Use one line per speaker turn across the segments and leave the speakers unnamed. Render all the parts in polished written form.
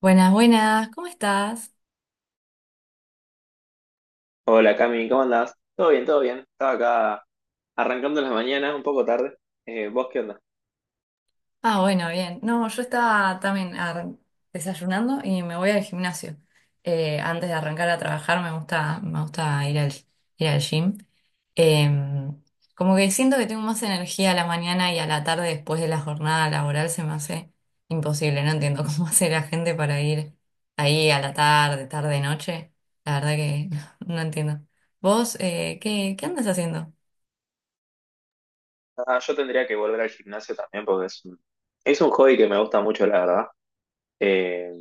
Buenas, buenas, ¿cómo estás?
Hola Cami, ¿cómo andás? Todo bien, todo bien. Estaba acá arrancando las mañanas, un poco tarde. ¿Vos qué onda?
Ah, bueno, bien. No, yo estaba también desayunando y me voy al gimnasio. Antes de arrancar a trabajar me gusta ir al gym. Em, como que siento que tengo más energía a la mañana y a la tarde después de la jornada laboral se me hace imposible. No entiendo cómo hace la gente para ir ahí a la tarde, tarde, noche. La verdad que no entiendo. ¿Vos qué andas haciendo?
Ah, yo tendría que volver al gimnasio también porque es un hobby que me gusta mucho, la verdad. Eh,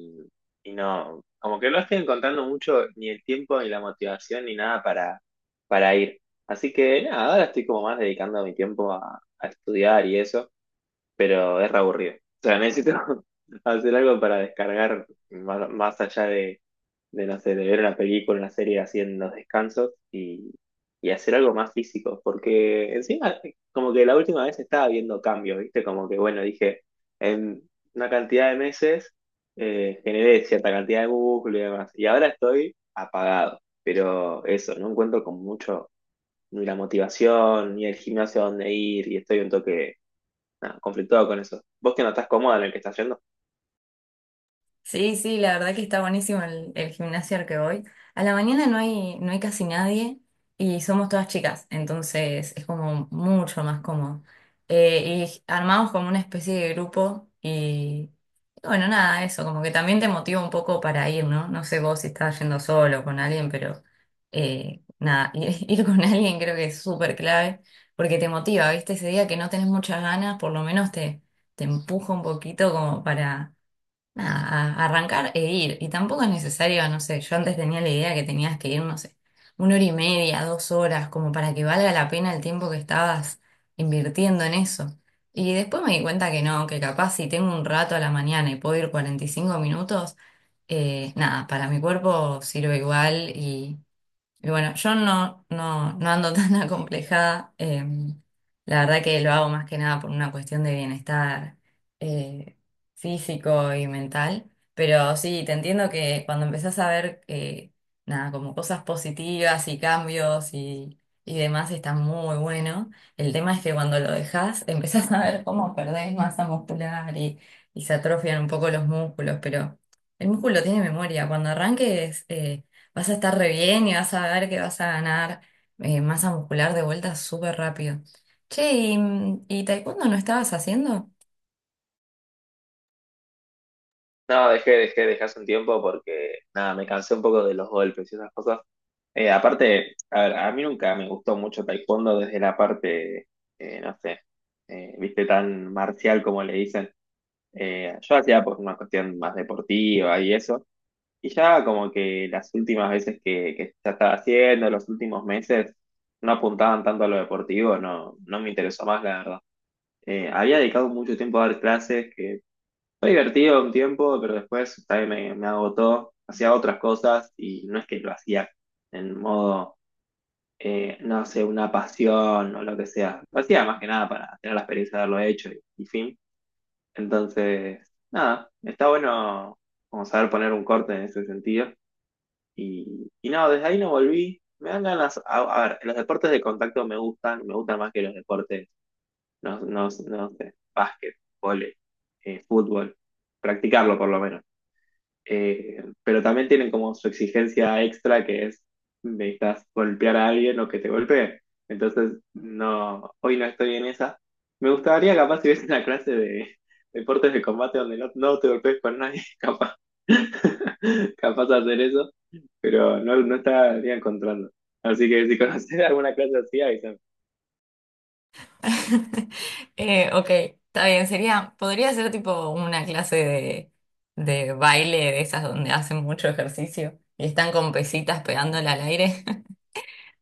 y no, como que no estoy encontrando mucho ni el tiempo ni la motivación ni nada para ir. Así que nada, ahora estoy como más dedicando mi tiempo a estudiar y eso, pero es re aburrido. O sea, necesito hacer algo para descargar más, más allá no sé, de ver una película, una serie haciendo descansos y hacer algo más físico, porque encima, como que la última vez estaba viendo cambios, ¿viste? Como que, bueno, dije, en una cantidad de meses generé cierta cantidad de músculo y demás, y ahora estoy apagado, pero eso, no encuentro con mucho ni la motivación, ni el gimnasio a dónde ir, y estoy un toque nada, conflictuado con eso. ¿Vos que no estás cómoda en el que estás yendo?
Sí, sí, la verdad que está buenísimo el gimnasio al que voy. A la mañana no hay casi nadie y somos todas chicas, entonces es como mucho más cómodo. Y armamos como una especie de grupo y bueno, nada, eso, como que también te motiva un poco para ir, ¿no? No sé vos si estás yendo solo o con alguien, pero nada, ir con alguien creo que es súper clave porque te motiva, ¿viste? Ese día que no tenés muchas ganas, por lo menos te empuja un poquito como para nada, arrancar e ir. Y tampoco es necesario, no sé, yo antes tenía la idea que tenías que ir, no sé, una hora y media, 2 horas, como para que valga la pena el tiempo que estabas invirtiendo en eso. Y después me di cuenta que no, que capaz si tengo un rato a la mañana y puedo ir 45 minutos, nada, para mi cuerpo sirve igual y bueno, yo no ando tan acomplejada. La verdad que lo hago más que nada por una cuestión de bienestar eh, físico y mental. Pero sí, te entiendo que cuando empezás a ver nada, como cosas positivas y cambios y demás está muy bueno. El tema es que cuando lo dejás, empezás a ver cómo perdés masa muscular y se atrofian un poco los músculos. Pero el músculo tiene memoria. Cuando arranques, vas a estar re bien y vas a ver que vas a ganar masa muscular de vuelta súper rápido. Che, ¿y taekwondo no estabas haciendo?
No, dejé hace un tiempo porque, nada, me cansé un poco de los golpes y esas cosas. Aparte, a ver, a mí nunca me gustó mucho taekwondo desde la parte, no sé, viste, tan marcial como le dicen. Yo hacía por una cuestión más deportiva y eso. Y ya como que las últimas veces que ya estaba haciendo, los últimos meses, no apuntaban tanto a lo deportivo, no me interesó más, la verdad. Había dedicado mucho tiempo a dar clases, que fue divertido un tiempo, pero después también me agotó. Hacía otras cosas y no es que lo hacía en modo, no sé, una pasión o lo que sea. Lo hacía más que nada para tener la experiencia de haberlo hecho y fin. Entonces, nada, está bueno como saber poner un corte en ese sentido. Y no, desde ahí no volví. Me dan ganas, a ver, los deportes de contacto me gustan más que los deportes, no sé, básquet, vóley, fútbol, practicarlo por lo menos. Pero también tienen como su exigencia extra que es necesitas golpear a alguien o que te golpee. Entonces, no, hoy no estoy en esa. Me gustaría capaz si hubiese una clase de deportes de combate donde no te golpees con nadie, capaz. Capaz de hacer eso, pero no, no estaría encontrando. Así que si conoces alguna clase así, ahí
Ok, está bien, sería, podría ser tipo una clase de baile de esas donde hacen mucho ejercicio y están con pesitas pegándole al aire.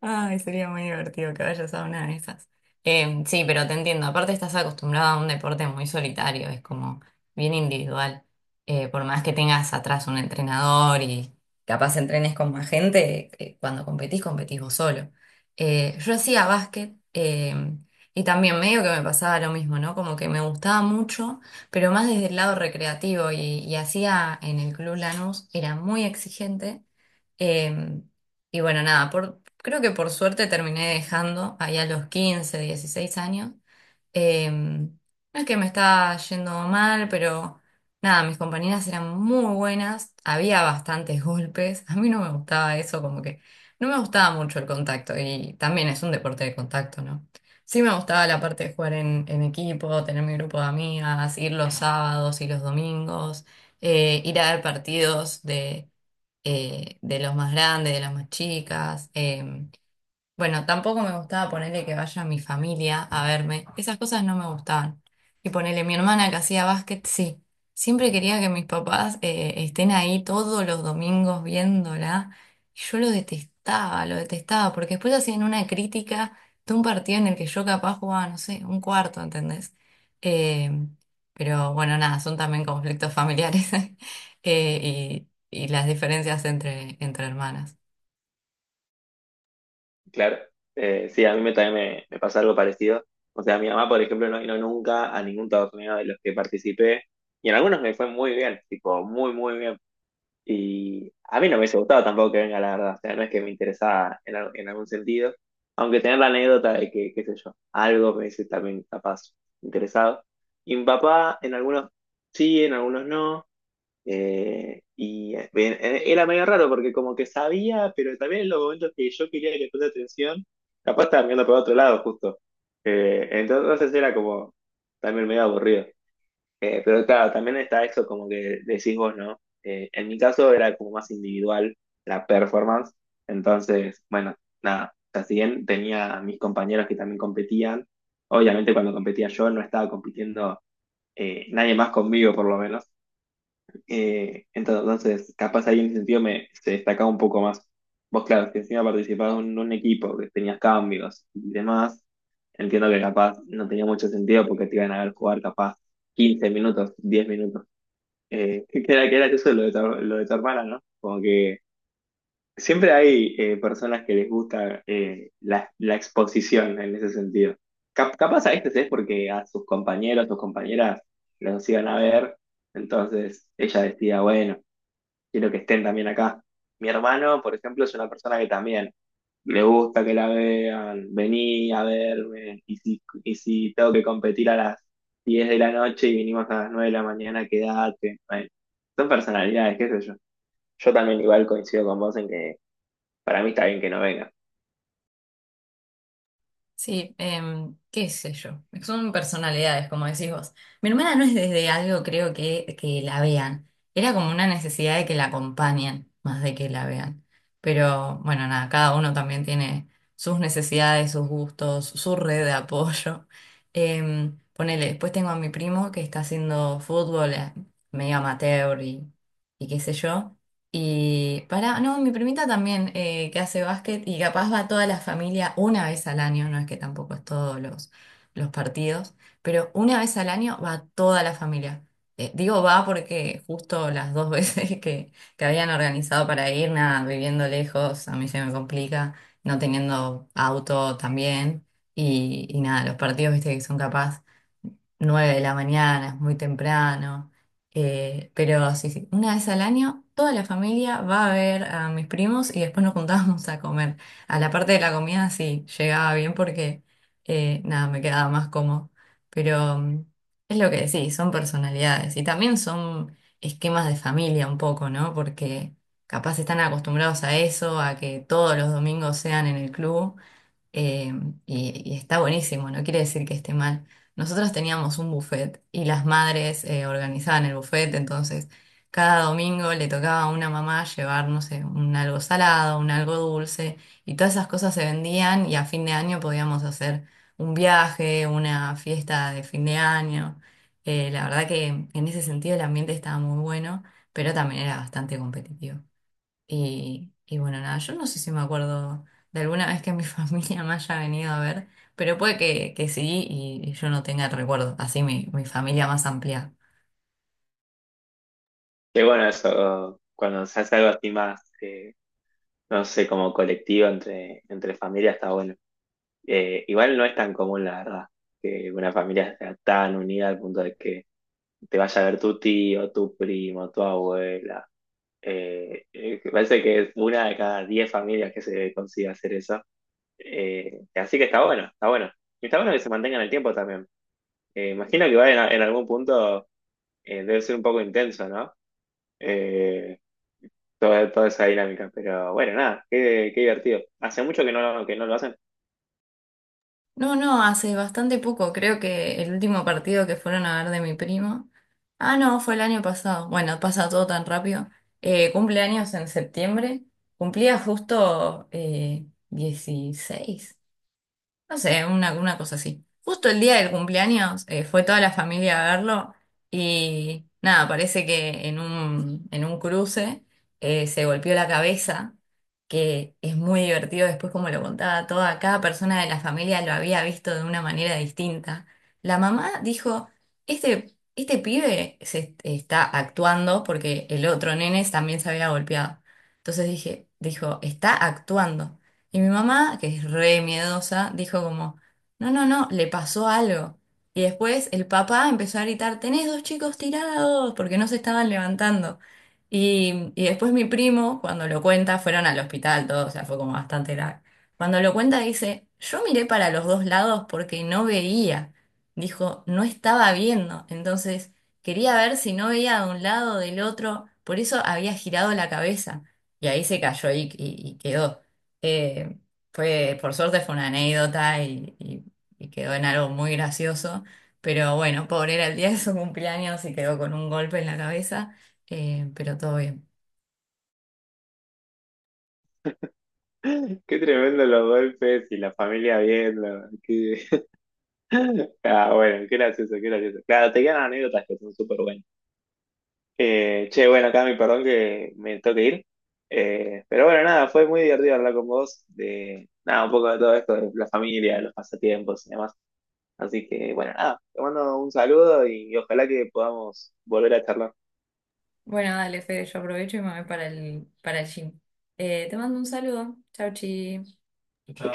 Ay, sería muy divertido que vayas a una de esas. Sí, pero te entiendo. Aparte estás acostumbrada a un deporte muy solitario, es como bien individual. Por más que tengas atrás un entrenador y capaz entrenes con más gente, cuando competís, competís vos solo. Yo hacía básquet y también medio que me pasaba lo mismo, ¿no? Como que me gustaba mucho, pero más desde el lado recreativo y hacía en el Club Lanús, era muy exigente. Em, y bueno, nada, creo que por suerte terminé dejando ahí a los 15, 16 años. No es que me estaba yendo mal, pero nada, mis compañeras eran muy buenas, había bastantes golpes, a mí no me gustaba eso, como que no me gustaba mucho el contacto y también es un deporte de contacto, ¿no? Sí me gustaba la parte de jugar en equipo, tener mi grupo de amigas, ir los sábados y los domingos, ir a ver partidos de los más grandes, de las más chicas. Bueno, tampoco me gustaba ponerle que vaya mi familia a verme. Esas cosas no me gustaban. Y ponerle mi hermana que hacía básquet, sí. Siempre quería que mis papás estén ahí todos los domingos viéndola. Y yo lo detestaba, porque después hacían una crítica de un partido en el que yo capaz jugaba, no sé, un cuarto, ¿entendés? Eh, pero bueno, nada, son también conflictos familiares y las diferencias entre hermanas.
claro. Sí, también me pasa algo parecido. O sea, mi mamá, por ejemplo, no vino nunca a ningún torneo de los que participé y en algunos me fue muy bien, tipo, muy bien. Y a mí no me hubiese gustado tampoco que venga, la verdad. O sea, no es que me interesaba en algún sentido, aunque tener la anécdota de que, qué sé yo, algo me dice también capaz interesado. Y mi papá, en algunos sí, en algunos no. Bien, era medio raro porque como que sabía, pero también en los momentos que yo quería que le preste atención, capaz estaba mirando para otro lado justo. Entonces era como también medio aburrido. Pero claro, también está eso como que decís vos, ¿no? En mi caso era como más individual la performance. Entonces, bueno, nada, o sea, si bien tenía a mis compañeros que también competían, obviamente cuando competía yo no estaba compitiendo nadie más conmigo por lo menos. Entonces, capaz ahí en ese sentido me, se destacaba un poco más. Vos, claro, si encima participabas en un equipo que tenías cambios y demás, entiendo que capaz no tenía mucho sentido porque te iban a ver jugar capaz 15 minutos, 10 minutos. Que era eso lo de tu hermana, ¿no? Como que siempre hay personas que les gusta la exposición en ese sentido. Capaz a veces es porque a sus compañeros, sus compañeras los iban a ver, entonces ella decía, bueno, quiero que estén también acá. Mi hermano, por ejemplo, es una persona que también le gusta que la vean, vení a verme, y si tengo que competir a las 10 de la noche y vinimos a las 9 de la mañana, quedate. Bueno, son personalidades, qué sé yo. Yo también igual coincido con vos en que para mí está bien que no venga.
Sí, qué sé yo. Son personalidades, como decís vos. Mi hermana no es desde algo, creo que la vean. Era como una necesidad de que la acompañen, más de que la vean. Pero bueno, nada, cada uno también tiene sus necesidades, sus gustos, su red de apoyo. Ponele, después tengo a mi primo que está haciendo fútbol medio amateur y qué sé yo. No, mi primita también que hace básquet y capaz va toda la familia una vez al año, no es que tampoco es todos los partidos, pero una vez al año va toda la familia. Digo va porque justo las dos veces que habían organizado para ir, nada, viviendo lejos, a mí se me complica, no teniendo auto también, y nada, los partidos, viste, que son capaz 9 de la mañana, es muy temprano. Pero sí, sí, una vez al año toda la familia va a ver a mis primos y después nos juntábamos a comer. A la parte de la comida sí llegaba bien porque nada, me quedaba más cómodo. Pero es lo que decís, son personalidades y también son esquemas de familia un poco, ¿no? Porque capaz están acostumbrados a eso, a que todos los domingos sean en el club eh, y está buenísimo, no quiere decir que esté mal. Nosotros teníamos un buffet y las madres organizaban el buffet, entonces cada domingo le tocaba a una mamá llevar, no sé, un algo salado, un algo dulce, y todas esas cosas se vendían y a fin de año podíamos hacer un viaje, una fiesta de fin de año. La verdad que en ese sentido el ambiente estaba muy bueno, pero también era bastante competitivo. Y bueno, nada, yo no sé si me acuerdo de alguna vez que mi familia me haya venido a ver, pero puede que sí y yo no tenga el recuerdo, así mi familia más amplia.
Que bueno, eso, cuando se hace algo así más, no sé, como colectivo entre familias está bueno. Igual no es tan común, la verdad, que una familia sea tan unida al punto de que te vaya a ver tu tío, tu primo, tu abuela. Me parece que es una de cada 10 familias que se consigue hacer eso. Así que está bueno, está bueno. Y está bueno que se mantengan el tiempo también. Imagino que va en algún punto debe ser un poco intenso, ¿no? Eh, toda esa dinámica. Pero bueno, nada, qué divertido. Hace mucho que que no lo hacen.
No, no, hace bastante poco, creo que el último partido que fueron a ver de mi primo. Ah, no, fue el año pasado. Bueno, pasa todo tan rápido. Cumpleaños en septiembre, cumplía justo 16. No sé, una cosa así. Justo el día del cumpleaños fue toda la familia a verlo y nada, parece que en un cruce se golpeó la cabeza, que es muy divertido después como lo contaba cada persona de la familia lo había visto de una manera distinta. La mamá dijo, este pibe se está actuando porque el otro nene también se había golpeado. Entonces dijo, está actuando. Y mi mamá, que es re miedosa, dijo como, no, no, no, le pasó algo. Y después el papá empezó a gritar, tenés dos chicos tirados, porque no se estaban levantando. Y después mi primo, cuando lo cuenta, fueron al hospital todos, o sea, fue como bastante grave. Cuando lo cuenta dice, yo miré para los dos lados porque no veía. Dijo, no estaba viendo. Entonces, quería ver si no veía de un lado o del otro, por eso había girado la cabeza. Y ahí se cayó y quedó. Eh, por suerte fue una anécdota y quedó en algo muy gracioso, pero bueno, pobre era el día de su cumpleaños y quedó con un golpe en la cabeza, pero todo bien.
Qué tremendo los golpes y la familia viendo. Qué... Ah, bueno, qué gracioso, qué gracioso. Claro, te quedan anécdotas que son súper buenas. Che, bueno, Cami, perdón que me toque ir. Pero bueno, nada, fue muy divertido hablar con vos de, nada, un poco de todo esto, de la familia, de los pasatiempos y demás. Así que, bueno, nada, te mando un saludo y ojalá que podamos volver a charlar.
Bueno, dale, Fede, yo aprovecho y me voy para el, gym. Te mando un saludo. Chau, chi.
Chau, chau.